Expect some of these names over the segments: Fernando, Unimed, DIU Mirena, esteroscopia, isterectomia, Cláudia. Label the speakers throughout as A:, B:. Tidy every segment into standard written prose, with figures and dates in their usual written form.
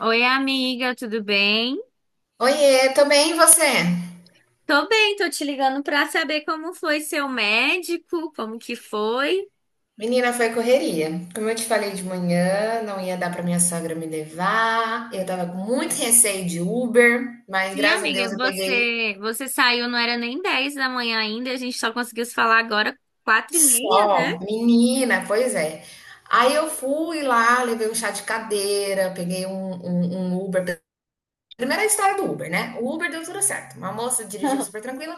A: Oi, amiga, tudo bem?
B: Oiê, tô bem, e você?
A: Tô bem, tô te ligando pra saber como foi seu médico, como que foi.
B: Menina, foi correria. Como eu te falei de manhã, não ia dar pra minha sogra me levar. Eu tava com muito receio de Uber, mas
A: Sim,
B: graças a
A: amiga,
B: Deus eu peguei
A: você saiu, não era nem 10 da manhã ainda, a gente só conseguiu se falar agora 4h30, né?
B: só. Menina, pois é. Aí eu fui lá, levei um chá de cadeira, peguei um Uber. Primeira história do Uber, né? O Uber deu tudo certo. Uma moça dirigiu super tranquila.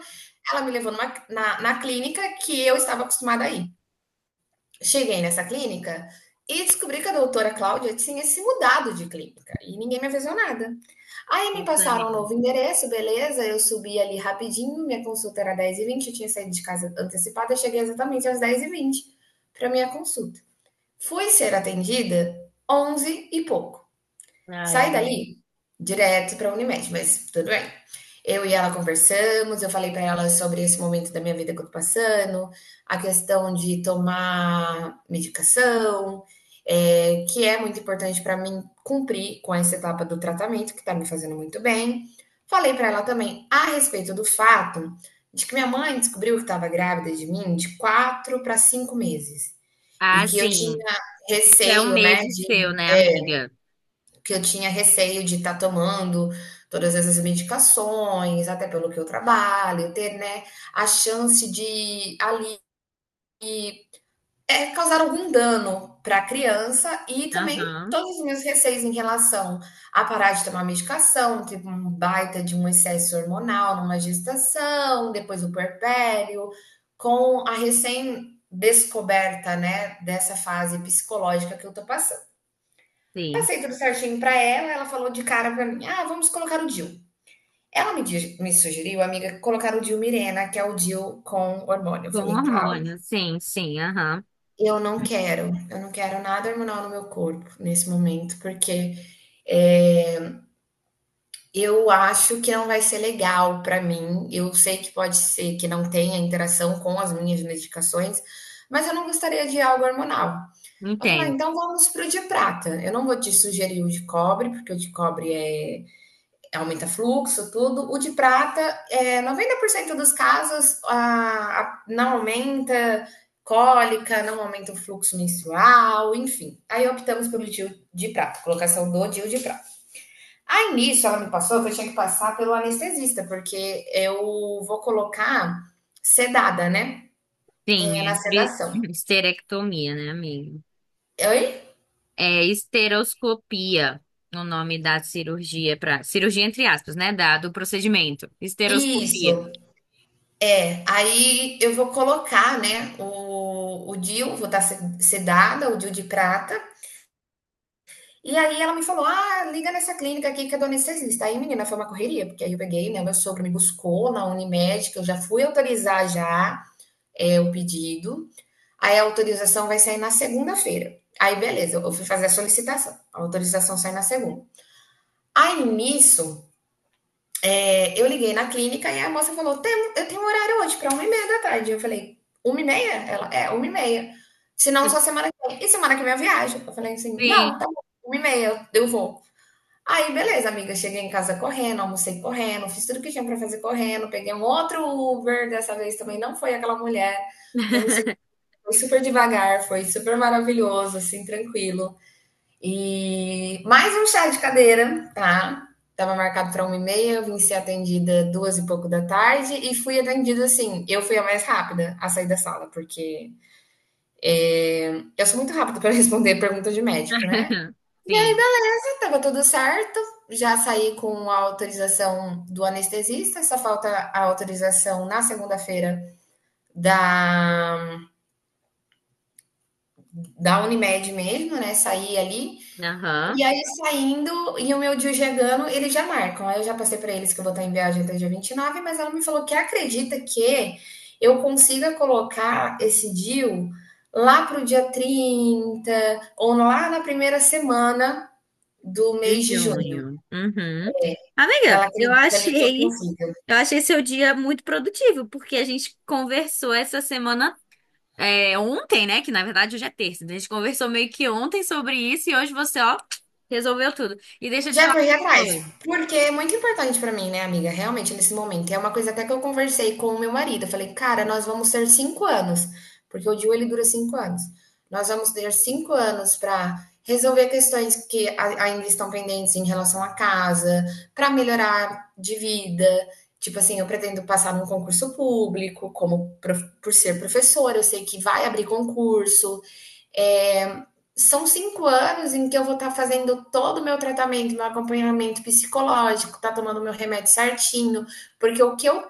B: Ela me levou na clínica que eu estava acostumada a ir. Cheguei nessa clínica e descobri que a doutora Cláudia tinha se mudado de clínica e ninguém me avisou nada. Aí me
A: Nossa,
B: passaram um
A: amiga.
B: novo endereço, beleza, eu subi ali rapidinho, minha consulta era 10:20, eu tinha saído de casa antecipada, cheguei exatamente às 10:20 para minha consulta. Fui ser atendida 11 e pouco. Saí dali direto para a Unimed, mas tudo bem. Eu e ela conversamos, eu falei para ela sobre esse momento da minha vida que eu tô passando, a questão de tomar medicação, que é muito importante para mim cumprir com essa etapa do tratamento, que tá me fazendo muito bem. Falei para ela também a respeito do fato de que minha mãe descobriu que estava grávida de mim de 4 para 5 meses e
A: Ah,
B: que eu
A: sim.
B: tinha
A: Isso é um
B: receio, né,
A: medo
B: de
A: seu, né, amiga?
B: que eu tinha receio de estar tomando todas essas medicações, até pelo que eu trabalho, ter, né, a chance de ali causar algum dano para a criança e também
A: Aham,
B: todos os meus receios em relação a parar de tomar medicação. Teve um baita de um excesso hormonal numa gestação, depois o puerpério, com a recém descoberta, né, dessa fase psicológica que eu tô passando
A: sim.
B: tudo certinho pra ela. Ela falou de cara pra mim: ah, vamos colocar o DIU. Ela me sugeriu, amiga, colocar o DIU Mirena, que é o DIU com hormônio. Eu
A: Com
B: falei, Cláudia,
A: hormônio, sim, sim, aham.
B: eu não quero nada hormonal no meu corpo nesse momento, porque é, eu acho que não vai ser legal pra mim. Eu sei que pode ser que não tenha interação com as minhas medicações, mas eu não gostaria de algo hormonal. Ela falou: ah,
A: Entendo.
B: então vamos pro de prata. Eu não vou te sugerir o de cobre, porque o de cobre aumenta fluxo, tudo. O de prata, 90% dos casos não aumenta cólica, não aumenta o fluxo menstrual, enfim. Aí optamos pelo DIU de prata, colocação do DIU de prata. Aí nisso ela me passou que eu tinha que passar pelo anestesista, porque eu vou colocar sedada, né?
A: Sim,
B: É, na
A: é
B: sedação.
A: histerectomia, né, amiga?
B: Oi?
A: É esteroscopia, o nome da cirurgia para cirurgia entre aspas, né, da, do procedimento.
B: Isso,
A: Esteroscopia.
B: é. Aí eu vou colocar, né, o DIU, vou estar sedada, o DIU de prata. E aí ela me falou: ah, liga nessa clínica aqui que é do anestesista. Aí, menina, foi uma correria, porque aí eu peguei, né? Meu sogro me buscou na Unimed, que eu já fui autorizar já o pedido. Aí a autorização vai sair na segunda-feira. Aí, beleza, eu fui fazer a solicitação. A autorização sai na segunda. Aí, nisso, eu liguei na clínica e a moça falou: eu tenho um horário hoje para 1:30 da tarde. Eu falei, 1:30? Ela, é, 1:30. Se não, só semana que vem. E semana que vem eu viajo. Eu falei assim, não,
A: Sim.
B: tá bom, 1:30, eu vou. Aí, beleza, amiga. Cheguei em casa correndo, almocei correndo, fiz tudo que tinha pra fazer correndo. Peguei um outro Uber, dessa vez também não foi aquela mulher. Foi, um sen- foi super devagar, foi super maravilhoso, assim, tranquilo. E mais um chá de cadeira, tá? Tava marcado pra 1:30, vim ser atendida duas e pouco da tarde e fui atendida assim. Eu fui a mais rápida a sair da sala, porque eu sou muito rápida para responder pergunta de médico, né?
A: Sim.
B: Tava tudo certo, já saí com a autorização do anestesista, só falta a autorização na segunda-feira da, da Unimed mesmo, né? Saí ali.
A: Aham.
B: E aí, saindo, e o meu dia chegando, eles já marcam. Aí eu já passei para eles que eu vou estar em viagem até dia 29, mas ela me falou que acredita que eu consiga colocar esse deal lá pro dia 30 ou lá na primeira semana do
A: De
B: mês de junho.
A: junho. Uhum. Amiga,
B: Ela acredita ali que eu consiga.
A: eu achei seu dia muito produtivo, porque a gente conversou essa semana, é, ontem, né? Que na verdade hoje é terça. Então a gente conversou meio que ontem sobre isso e hoje você, ó, resolveu tudo. E deixa eu te
B: Já
A: falar
B: corri
A: uma
B: atrás,
A: coisa.
B: porque é muito importante pra mim, né, amiga? Realmente, nesse momento. E é uma coisa até que eu conversei com o meu marido. Eu falei, cara, nós vamos ter 5 anos, porque o DIU ele dura 5 anos. Nós vamos ter cinco anos para resolver questões que ainda estão pendentes em relação à casa, para melhorar de vida. Tipo assim, eu pretendo passar num concurso público, por ser professora, eu sei que vai abrir concurso. É, são 5 anos em que eu vou estar tá fazendo todo o meu tratamento, meu acompanhamento psicológico, tá tomando meu remédio certinho, porque o que eu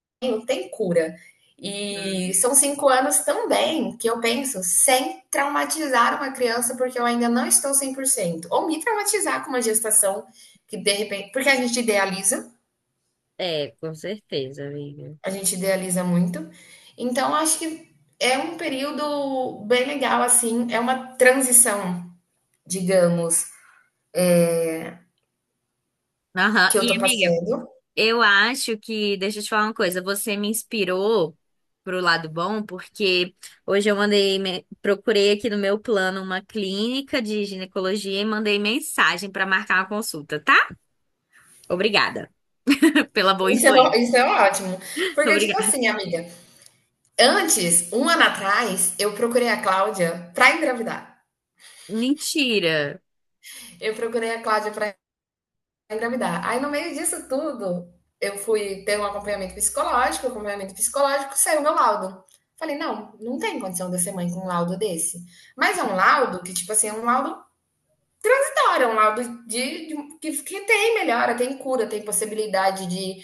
B: tenho tem cura. E
A: Hum.
B: são 5 anos também que eu penso sem traumatizar uma criança, porque eu ainda não estou 100%. Ou me traumatizar com uma gestação que de repente. Porque
A: É, com certeza, amiga.
B: a gente idealiza muito. Então, acho que é um período bem legal, assim, é uma transição, digamos,
A: Aham.
B: que eu
A: E
B: tô
A: amiga,
B: passando.
A: eu acho que, deixa eu te falar uma coisa, você me inspirou pro lado bom, porque hoje procurei aqui no meu plano uma clínica de ginecologia e mandei mensagem pra marcar uma consulta, tá? Obrigada pela boa
B: Isso é, ó-
A: influência.
B: isso é ótimo. Porque, tipo
A: Obrigada.
B: assim, amiga, antes, um ano atrás, eu procurei a Cláudia pra engravidar.
A: Mentira.
B: Eu procurei a Cláudia pra engravidar. Aí, no meio disso tudo, eu fui ter um acompanhamento psicológico, saiu meu laudo. Falei, não, não tem condição de eu ser mãe com um laudo desse. Mas é um laudo que, tipo assim, é um laudo da hora, é um laudo que tem melhora, tem cura, tem possibilidade de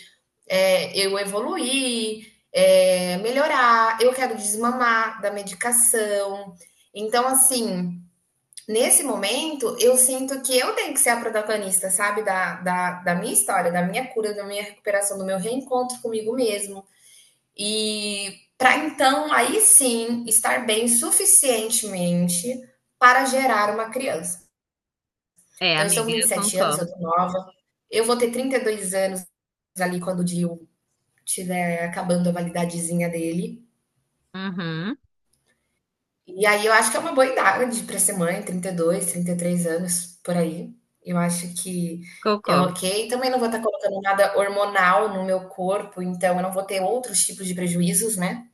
B: eu evoluir, melhorar, eu quero desmamar da medicação. Então, assim, nesse momento, eu sinto que eu tenho que ser a protagonista, sabe? Da minha história, da minha cura, da minha recuperação, do meu reencontro comigo mesmo. E para então, aí sim, estar bem suficientemente para gerar uma criança.
A: É,
B: Então, eu estou com
A: amiga,
B: vinte
A: eu
B: e sete anos, eu
A: concordo.
B: tô nova. Eu vou ter 32 anos ali quando o Dio tiver acabando a validadezinha dele.
A: Uhum,
B: E aí eu acho que é uma boa idade para ser mãe, 32, 33 anos, por aí. Eu acho que é
A: concordo.
B: ok. Também não vou estar colocando nada hormonal no meu corpo, então eu não vou ter outros tipos de prejuízos, né?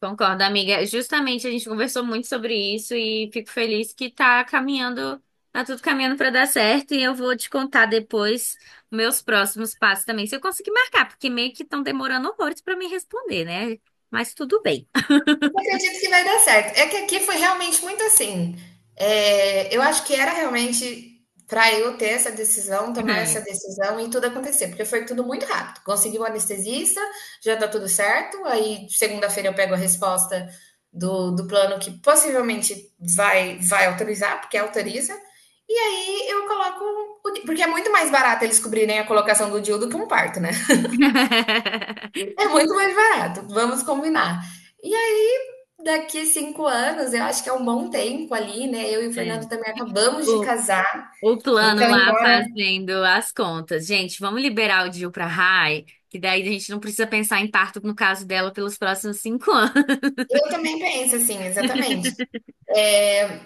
A: Concordo, amiga. Justamente a gente conversou muito sobre isso e fico feliz que tá caminhando, tá tudo caminhando para dar certo e eu vou te contar depois meus próximos passos também, se eu conseguir marcar, porque meio que estão demorando horrores para me responder, né? Mas tudo bem.
B: Eu acredito que vai dar certo. É que aqui foi realmente muito assim. É, eu acho que era realmente para eu ter essa decisão, tomar
A: É.
B: essa decisão e tudo acontecer, porque foi tudo muito rápido. Consegui o anestesista, já tá tudo certo. Aí segunda-feira eu pego a resposta do plano que possivelmente vai autorizar, porque autoriza. E aí eu coloco. Porque é muito mais barato eles cobrirem a colocação do DIU do que um parto, né? É muito mais barato, vamos combinar. E aí, daqui 5 anos, eu acho que é um bom tempo ali, né? Eu e o
A: É.
B: Fernando também acabamos de
A: O,
B: casar.
A: o plano
B: Então,
A: lá fazendo as contas. Gente, vamos liberar o Dil pra Rai, que daí a gente não precisa pensar em parto no caso dela pelos próximos cinco anos.
B: eu também penso assim, exatamente.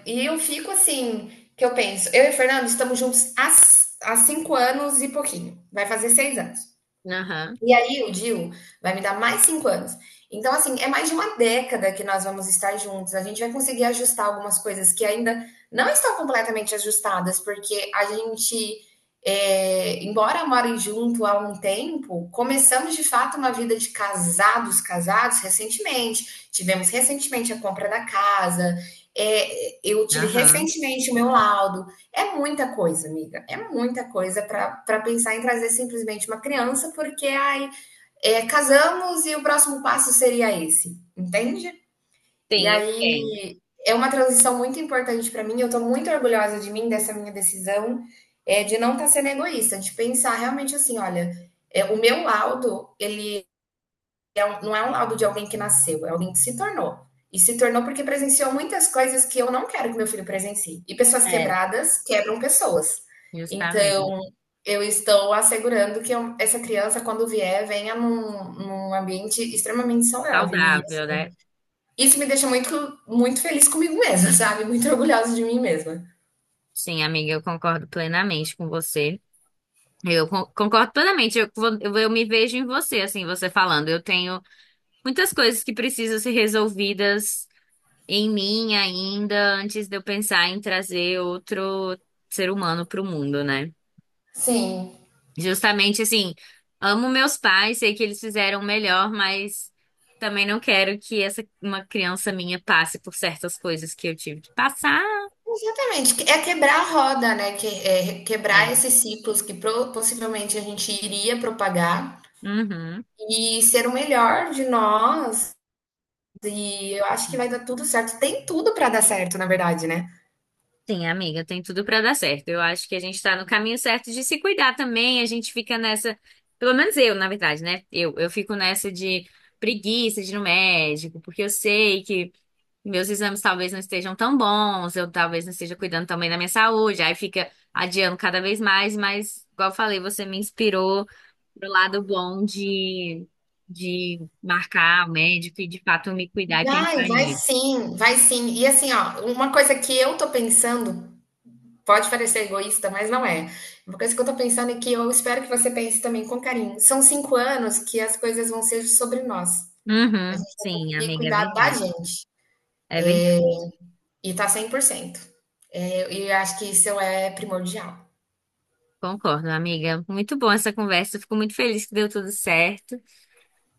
B: E eu fico assim, que eu penso, eu e o Fernando estamos juntos há, há 5 anos e pouquinho. Vai fazer 6 anos.
A: Aham,
B: E aí o Dil vai me dar mais 5 anos. Então, assim, é mais de uma década que nós vamos estar juntos. A gente vai conseguir ajustar algumas coisas que ainda não estão completamente ajustadas, porque a gente, embora morem junto há um tempo, começamos de fato uma vida de casados, casados recentemente. Tivemos recentemente a compra da casa, eu tive
A: aham.
B: recentemente o meu laudo. É muita coisa, amiga. É muita coisa para pensar em trazer simplesmente uma criança, porque ai, casamos e o próximo passo seria esse, entende? E
A: Sim, eu entendo.
B: aí é uma transição muito importante para mim. Eu estou muito orgulhosa de mim, dessa minha decisão, de não estar sendo egoísta, de pensar realmente assim: olha, o meu laudo, ele é não é um laudo de alguém que nasceu, é alguém que se tornou. E se tornou porque presenciou muitas coisas que eu não quero que meu filho presencie. E pessoas
A: É.
B: quebradas quebram pessoas.
A: Justamente.
B: Então, eu estou assegurando que essa criança, quando vier, venha num ambiente extremamente saudável. E
A: Saudável,
B: assim,
A: né?
B: isso me deixa muito, muito feliz comigo mesma, sabe? Muito orgulhosa de mim mesma.
A: Sim, amiga, eu concordo plenamente com você. Concordo plenamente. Eu me vejo em você, assim, você falando. Eu tenho muitas coisas que precisam ser resolvidas em mim ainda, antes de eu pensar em trazer outro ser humano para o mundo, né?
B: Sim,
A: Justamente assim, amo meus pais, sei que eles fizeram o melhor, mas também não quero que essa uma criança minha passe por certas coisas que eu tive que passar.
B: exatamente. É quebrar a roda, né? Que, é quebrar
A: É.
B: esses ciclos que possivelmente a gente iria propagar
A: Uhum.
B: e ser o melhor de nós. E eu acho que vai dar tudo certo. Tem tudo para dar certo, na verdade, né?
A: Sim, amiga, tem tudo pra dar certo. Eu acho que a gente tá no caminho certo de se cuidar também. A gente fica nessa, pelo menos eu, na verdade, né? Eu fico nessa de preguiça de ir no médico, porque eu sei que meus exames talvez não estejam tão bons, eu talvez não esteja cuidando também da minha saúde. Aí fica adiando cada vez mais, mas, igual eu falei, você me inspirou pro lado bom de marcar o médico e de fato me cuidar e
B: Vai,
A: pensar
B: vai
A: em
B: sim, vai sim. E assim, ó, uma coisa que eu tô pensando, pode parecer egoísta, mas não é. Uma coisa que eu tô pensando e que eu espero que você pense também com carinho. São cinco anos que as coisas vão ser sobre nós. A
A: Uhum,
B: gente vai
A: sim,
B: conseguir
A: amiga, é
B: cuidar da
A: verdade.
B: gente
A: É verdade.
B: e tá 100%. E eu acho que isso é primordial.
A: Concordo, amiga. Muito bom essa conversa. Fico muito feliz que deu tudo certo.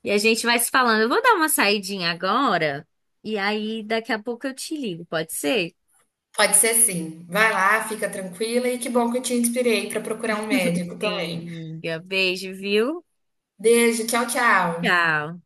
A: E a gente vai se falando. Eu vou dar uma saidinha agora e aí daqui a pouco eu te ligo, pode ser?
B: Pode ser sim. Vai lá, fica tranquila e que bom que eu te inspirei para procurar um médico
A: Sim,
B: também.
A: amiga. Beijo, viu?
B: Beijo, tchau, tchau.
A: Tchau.